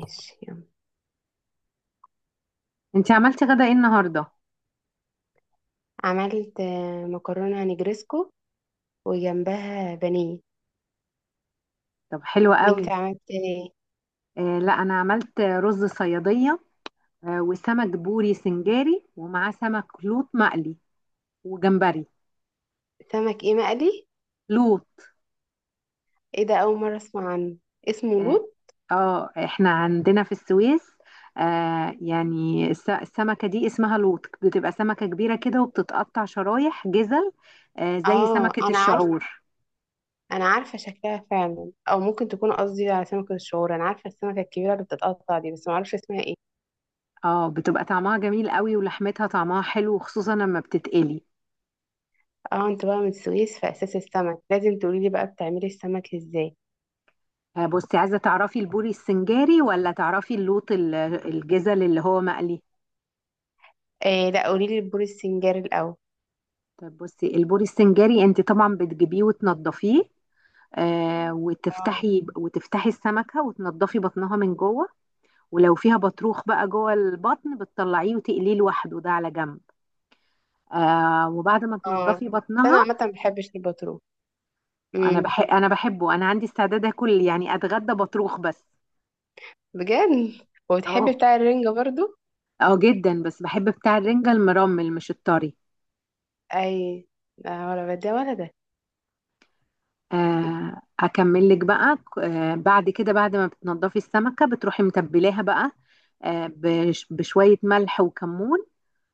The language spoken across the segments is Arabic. ماشي يلا. انتي عملتي غدا ايه النهارده؟ عملت مكرونة نجرسكو وجنبها بانيه. طب حلو وانت قوي. عملت ايه؟ آه لا انا عملت رز صياديه. آه وسمك بوري سنجاري ومعاه سمك لوط مقلي وجمبري. سمك ايه مقلي؟ لوط. ايه ده؟ اول مرة اسمع عنه. اسمه اه. لوت؟ احنا عندنا في السويس. السمكه دي اسمها لوط، بتبقى سمكه كبيره كده وبتتقطع شرايح جزل، آه زي اه، سمكه انا عارفه. الشعور. انا عارفة شكلها فعلا، او ممكن تكون قصدي على سمكة الشعور. انا عارفة السمكة الكبيرة اللي بتتقطع دي، بس ما اعرفش اسمها ايه. اه بتبقى طعمها جميل قوي ولحمتها طعمها حلو، خصوصا لما بتتقلي. اه، انت بقى من السويس في اساس السمك، لازم تقولي لي بقى بتعملي السمك ازاي. بصي، عايزة تعرفي البوري السنجاري ولا تعرفي اللوط الجزل اللي هو مقلي؟ إيه، لا قولي لي البور السنجاري الاول. طب بصي، البوري السنجاري انت طبعا بتجيبيه وتنضفيه، آه اه، وتفتحي السمكة وتنضفي بطنها من جوه. ولو فيها بطروخ بقى جوه البطن بتطلعيه وتقليه لوحده ده على جنب. آه وبعد ما اه، بس تنضفي بطنها. انا عامة ما بحبش البطرون. انا امم. بحب انا بحبه انا عندي استعداد اكل، يعني اتغدى بطروخ بس. بجد؟ وبتحبي اه، بتاع الرنجة برضو؟ اه جدا، بس بحب بتاع الرنجة المرمل مش الطري. اي. لا، ولا ده ولا ده. اكمل لك بقى. بعد كده، بعد ما بتنضفي السمكه بتروحي متبلاها بقى، بشويه ملح وكمون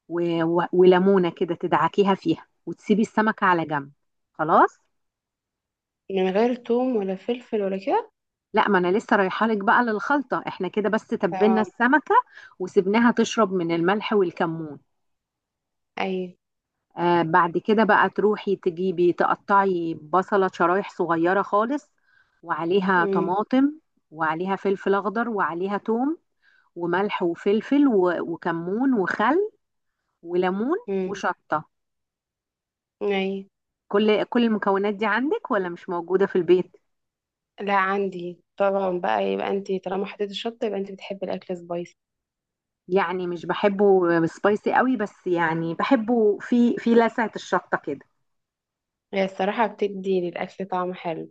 وليمونه كده تدعكيها فيها وتسيبي السمكه على جنب. خلاص. من غير توم ولا فلفل ولا كده؟ لا، ما انا لسه رايحه لك بقى للخلطه. احنا كده بس تبلنا اه. السمكه وسبناها تشرب من الملح والكمون. اي. بعد كده بقى تروحي تجيبي تقطعي بصله شرايح صغيره خالص، وعليها امم. طماطم، وعليها فلفل اخضر، وعليها توم، وملح وفلفل وكمون وخل وليمون امم. وشطة. اي. كل المكونات دي عندك ولا مش موجودة في البيت؟ لا، عندي طبعا. بقى يبقى انت طالما حطيتي الشطه يبقى انت بتحبي الاكل سبايسي. يعني مش بحبه سبايسي قوي، بس يعني بحبه في لسعة الشطة كده. هي الصراحه بتدي للاكل طعم حلو.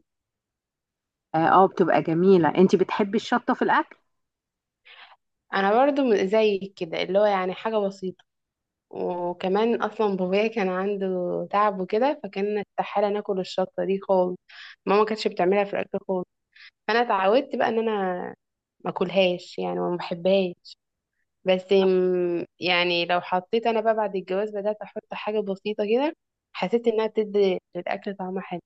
اه، بتبقى جميلة. انت بتحبي الشطة في الاكل. انا برضو زيك كده، اللي هو يعني حاجه بسيطه. وكمان اصلا بابايا كان عنده تعب وكده، فكان استحاله ناكل الشطه دي خالص. ماما كانتش بتعملها في الاكل خالص. فانا اتعودت بقى ان انا ما اكلهاش يعني، وما بحبهاش. بس يعني لو حطيت انا بقى بعد الجواز، بدات احط حاجه بسيطه كده. حسيت انها بتدي للاكل طعم حلو.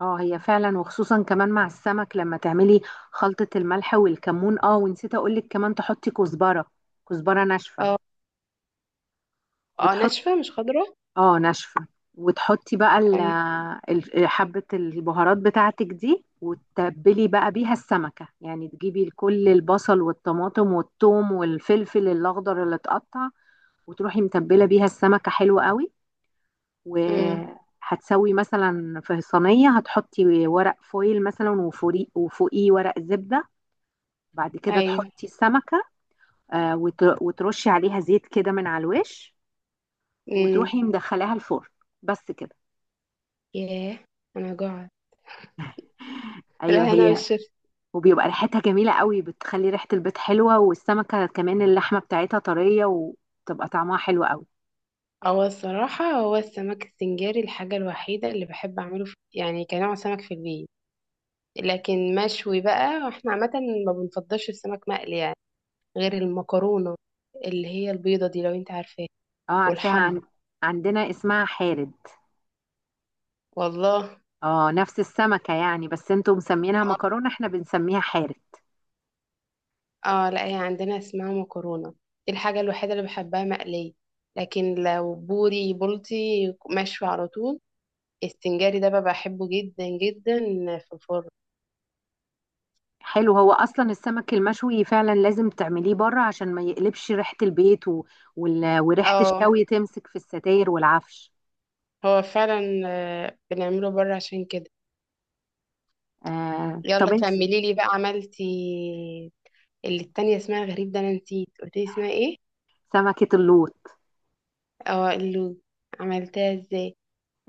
اه هي فعلا، وخصوصا كمان مع السمك لما تعملي خلطة الملح والكمون. اه، ونسيت اقولك كمان تحطي كزبرة، كزبرة ناشفة. اه. اه، وتحطي. ناشفه مش خضره. اه ناشفة. وتحطي بقى ايوه. حبة البهارات بتاعتك دي وتتبلي بقى بيها السمكة، يعني تجيبي كل البصل والطماطم والثوم والفلفل الأخضر اللي اتقطع وتروحي متبلة بيها السمكة. حلو قوي. امم. وهتسوي مثلا في صينية، هتحطي ورق فويل مثلا وفوقيه ورق زبدة. بعد كده ايوه. تحطي السمكة، وترشي عليها زيت كده من على الوش، امم. وتروحي مدخلاها الفرن. بس كده. ياه، انا جوعت. ايوه لا، انا مش هي. شفت. وبيبقى ريحتها جميلة قوي، بتخلي ريحة البيت حلوة، والسمكة كمان اللحمة بتاعتها طرية وتبقى طعمها حلو قوي. هو الصراحه هو السمك السنجاري الحاجه الوحيده اللي بحب اعمله، في يعني كنوع سمك في البيت. لكن مشوي بقى، واحنا عامه ما بنفضلش السمك مقلي يعني، غير المكرونة اللي هي البيضة دي، لو انت عارفاها. اه عارفاها. والحمرا. عن... عندنا اسمها حارد. والله. اه، نفس السمكة يعني، بس انتوا مسمينها مكرونة احنا بنسميها حارد. اه، لا هي عندنا اسمها مكرونة. دي الحاجة الوحيدة اللي بحبها مقلية. لكن لو بوري بولتي، مشوي على طول. السنجاري ده بقى بحبه جدا جدا، في الفرن. حلو. هو اصلا السمك المشوي فعلا لازم تعمليه بره عشان ما يقلبش ريحة البيت، وريحة اه، الشوي تمسك في الستاير والعفش. هو فعلا. بنعمله بره عشان كده. آه، طب يلا انت. كملي لي بقى عملتي اللي التانية اسمها غريب ده، انا نسيت قلت لي اسمها ايه. سمكة اللوط اه، اللي عملتها ازاي؟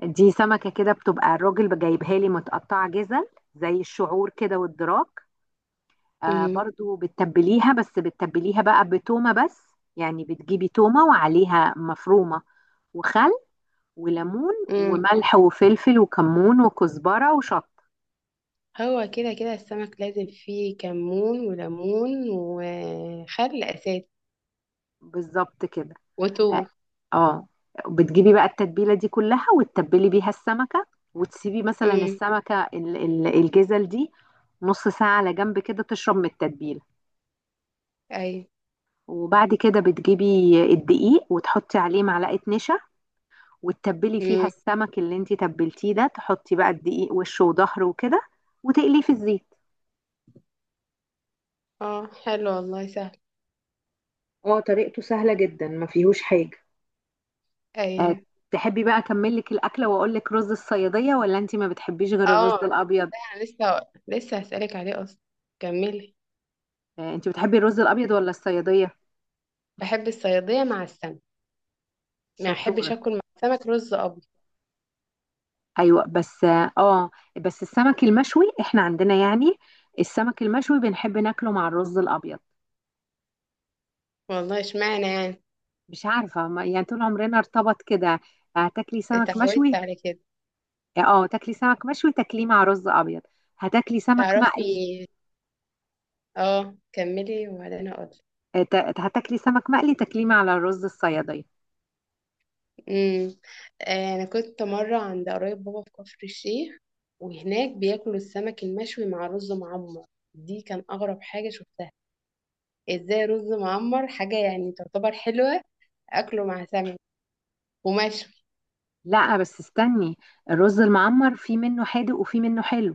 دي، سمكة كده بتبقى الراجل جايبها لي متقطعة جزل، زي الشعور كده والدراك. آه، برضو بتتبليها، بس بتتبليها بقى بتومة بس، يعني بتجيبي تومة وعليها مفرومة، وخل وليمون امم. وملح وفلفل وكمون وكزبرة وشط. هو كده كده السمك لازم فيه كمون وليمون وخل اساسي. بالظبط كده. وتو اه، آه. بتجيبي بقى التتبيلة دي كلها وتتبلي بيها السمكة، وتسيبي مثلا امم. السمكة الجزل دي نص ساعة على جنب كده تشرب من التتبيلة. ايوه. وبعد كده بتجيبي الدقيق وتحطي عليه معلقة نشا، وتتبلي فيها امم. السمك اللي انتي تبلتيه ده، تحطي بقى الدقيق وشه وظهره وكده وتقليه في الزيت. اه، حلو والله سهل. اه طريقته سهلة جدا، ما فيهوش حاجة. آه، ايوه. تحبي بقى اكمل لك الاكله واقول لك رز الصياديه، ولا انت ما بتحبيش غير الرز اه، الابيض؟ ده أنا لسه هسألك عليه اصلا. كملي. انت بتحبي الرز الابيض ولا الصياديه؟ بحب الصيادية مع السمك. ما شطوره. احبش اكل مع السمك رز ابيض. ايوه بس اه، بس السمك المشوي احنا عندنا يعني، السمك المشوي بنحب ناكله مع الرز الابيض. والله اشمعنى يعني. مش عارفة، ما يعني طول عمرنا ارتبط كده. هتاكلي سمك اتعودت مشوي. على كده. اه، تاكلي سمك مشوي تاكليه مع رز ابيض. هتاكلي سمك مقلي، تعرفي؟ اه كملي وبعدين اقول. آه، ت- هتاكلي سمك مقلي تاكليه مع الرز الصيادية. امم. انا كنت مره عند قرايب بابا في كفر الشيخ. وهناك بياكلوا السمك المشوي مع رز معمر. دي كان اغرب حاجه شفتها. ازاي رز معمر حاجه يعني تعتبر حلوه اكله مع سمك، ومشوي. لا بس استني، الرز المعمر في منه حادق وفي منه حلو.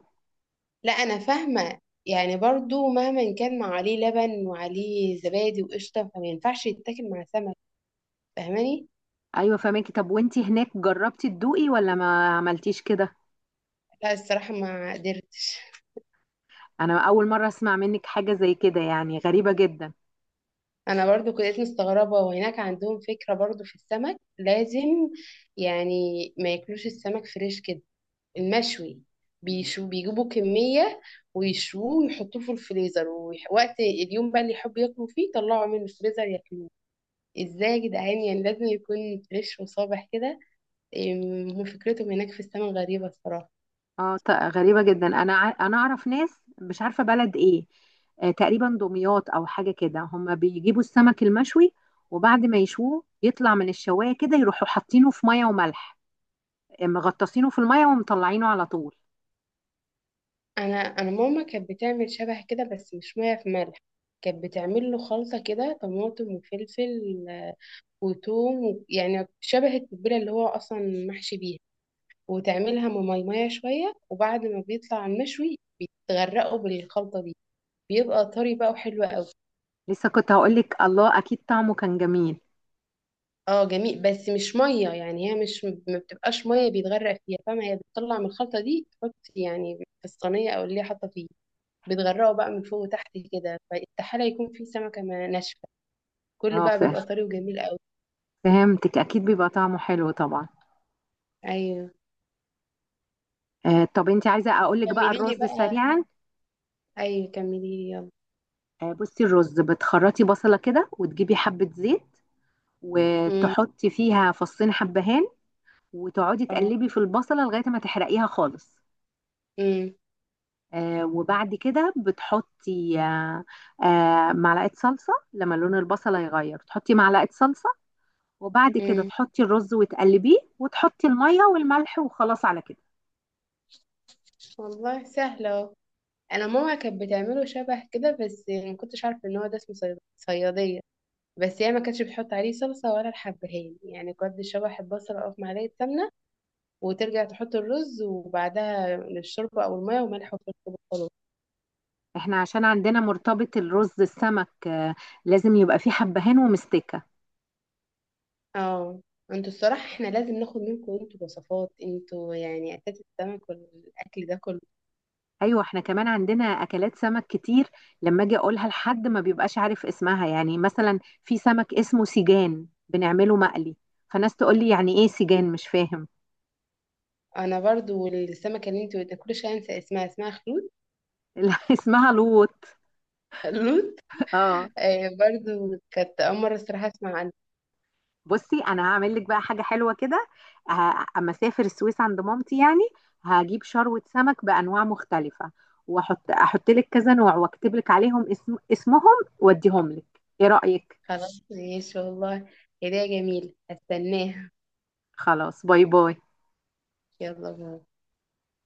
لا، انا فاهمه. يعني برضو مهما كان مع عليه لبن وعليه زبادي وقشطه، فما ينفعش يتاكل مع سمك. فاهماني؟ ايوه فهماكي. طب وانتي هناك جربتي تدوقي ولا ما عملتيش كده؟ لا الصراحه ما قدرتش. انا اول مرة اسمع منك حاجة زي كده، يعني غريبة جدا. انا برضو كنت مستغربه، وهناك عندهم فكره برضو في السمك. لازم يعني ما ياكلوش السمك فريش كده، المشوي. بيجيبوا كميه ويشوه ويحطوه في الفريزر، ووقت اليوم بقى اللي يحبوا ياكلوا فيه طلعوا من الفريزر ياكلوه. ازاي يا جدعان، يعني لازم يكون فريش وصابح كده. هم فكرتهم هناك في السمك غريبه الصراحه. غريبة جدا. انا اعرف ناس، مش عارفة بلد ايه، آه تقريبا دمياط او حاجة كده، هم بيجيبوا السمك المشوي وبعد ما يشوه يطلع من الشواية كده يروحوا حاطينه في مية وملح، آه، مغطاسينه في المية ومطلعينه على طول. انا ماما كانت بتعمل شبه كده، بس مش ميه في ملح. كانت بتعمل له خلطه كده، طماطم وفلفل وتوم يعني شبه التتبيلة اللي هو أصلا محشي بيها. وتعملها مميمية شوية، وبعد ما بيطلع المشوي بيتغرقوا بالخلطة دي. بيبقى طري بقى وحلو قوي. لسه كنت هقولك، الله اكيد طعمه كان جميل. اه جميل، بس مش مية يعني. هي مش ما بتبقاش مية بيتغرق فيها، فاهمة. هي بتطلع من الخلطة دي، تحط يعني في الصينية أو اللي هي حاطة فيه، بتغرقه بقى من فوق وتحت كده، فاستحالة يكون فيه سمكة ناشفة. كله اه بقى ف- بيبقى طري وجميل قوي. فهمتك، اكيد بيبقى طعمه حلو طبعا. أيوه آه، طب انت عايزة اقولك بقى كملي لي الرز بقى. سريعا؟ أيوه كملي لي يلا. آه بصي، الرز بتخرطي بصلة كده وتجيبي حبة زيت امم. وتحطي فيها فصين حبهان، وتقعدي اه. تقلبي في البصلة لغاية ما تحرقيها خالص. امم. آه، وبعد كده بتحطي، آه، آه معلقة صلصة، لما لون البصلة يغير تحطي معلقة صلصة، وبعد كده امم. تحطي الرز وتقلبيه وتحطي المية والملح، وخلاص على كده. والله سهلة اهو. انا ماما كانت بتعمله شبه كده، بس ما كنتش عارفه ان هو ده اسمه صياديه. بس هي ما كانتش بتحط عليه صلصه ولا الحبهان، يعني كنت شبح البصل او في معلقه سمنه، وترجع تحط الرز وبعدها الشوربه او الميه وملح وفلفل وخلاص. احنا عشان عندنا مرتبط الرز السمك، آه، لازم يبقى فيه حبهان ومستكة. اه، انتوا الصراحه احنا لازم ناخد منكم انتوا وصفات، انتوا يعني اساس السمك والاكل ده كله. ايوه احنا كمان عندنا اكلات سمك كتير، لما اجي اقولها لحد ما بيبقاش عارف اسمها، يعني مثلا في سمك اسمه سيجان بنعمله مقلي، فناس تقول لي يعني ايه سيجان، مش فاهم. انا برضو السمكه اللي انتوا كل شويه انسى اسمها خلود. لا اسمها لوط. خلود. اه. آه، برضو كانت اول مره الصراحه اسمع. بصي انا هعمل لك بقى حاجه حلوه كده، اما اسافر السويس عند مامتي يعني، هجيب شروه سمك بانواع مختلفه، احط لك كذا نوع واكتب لك عليهم اسمهم، واديهم لك. ايه رايك؟ خلاص ماشي والله. هدية جميلة هستناها. خلاص باي باي. يلا باي.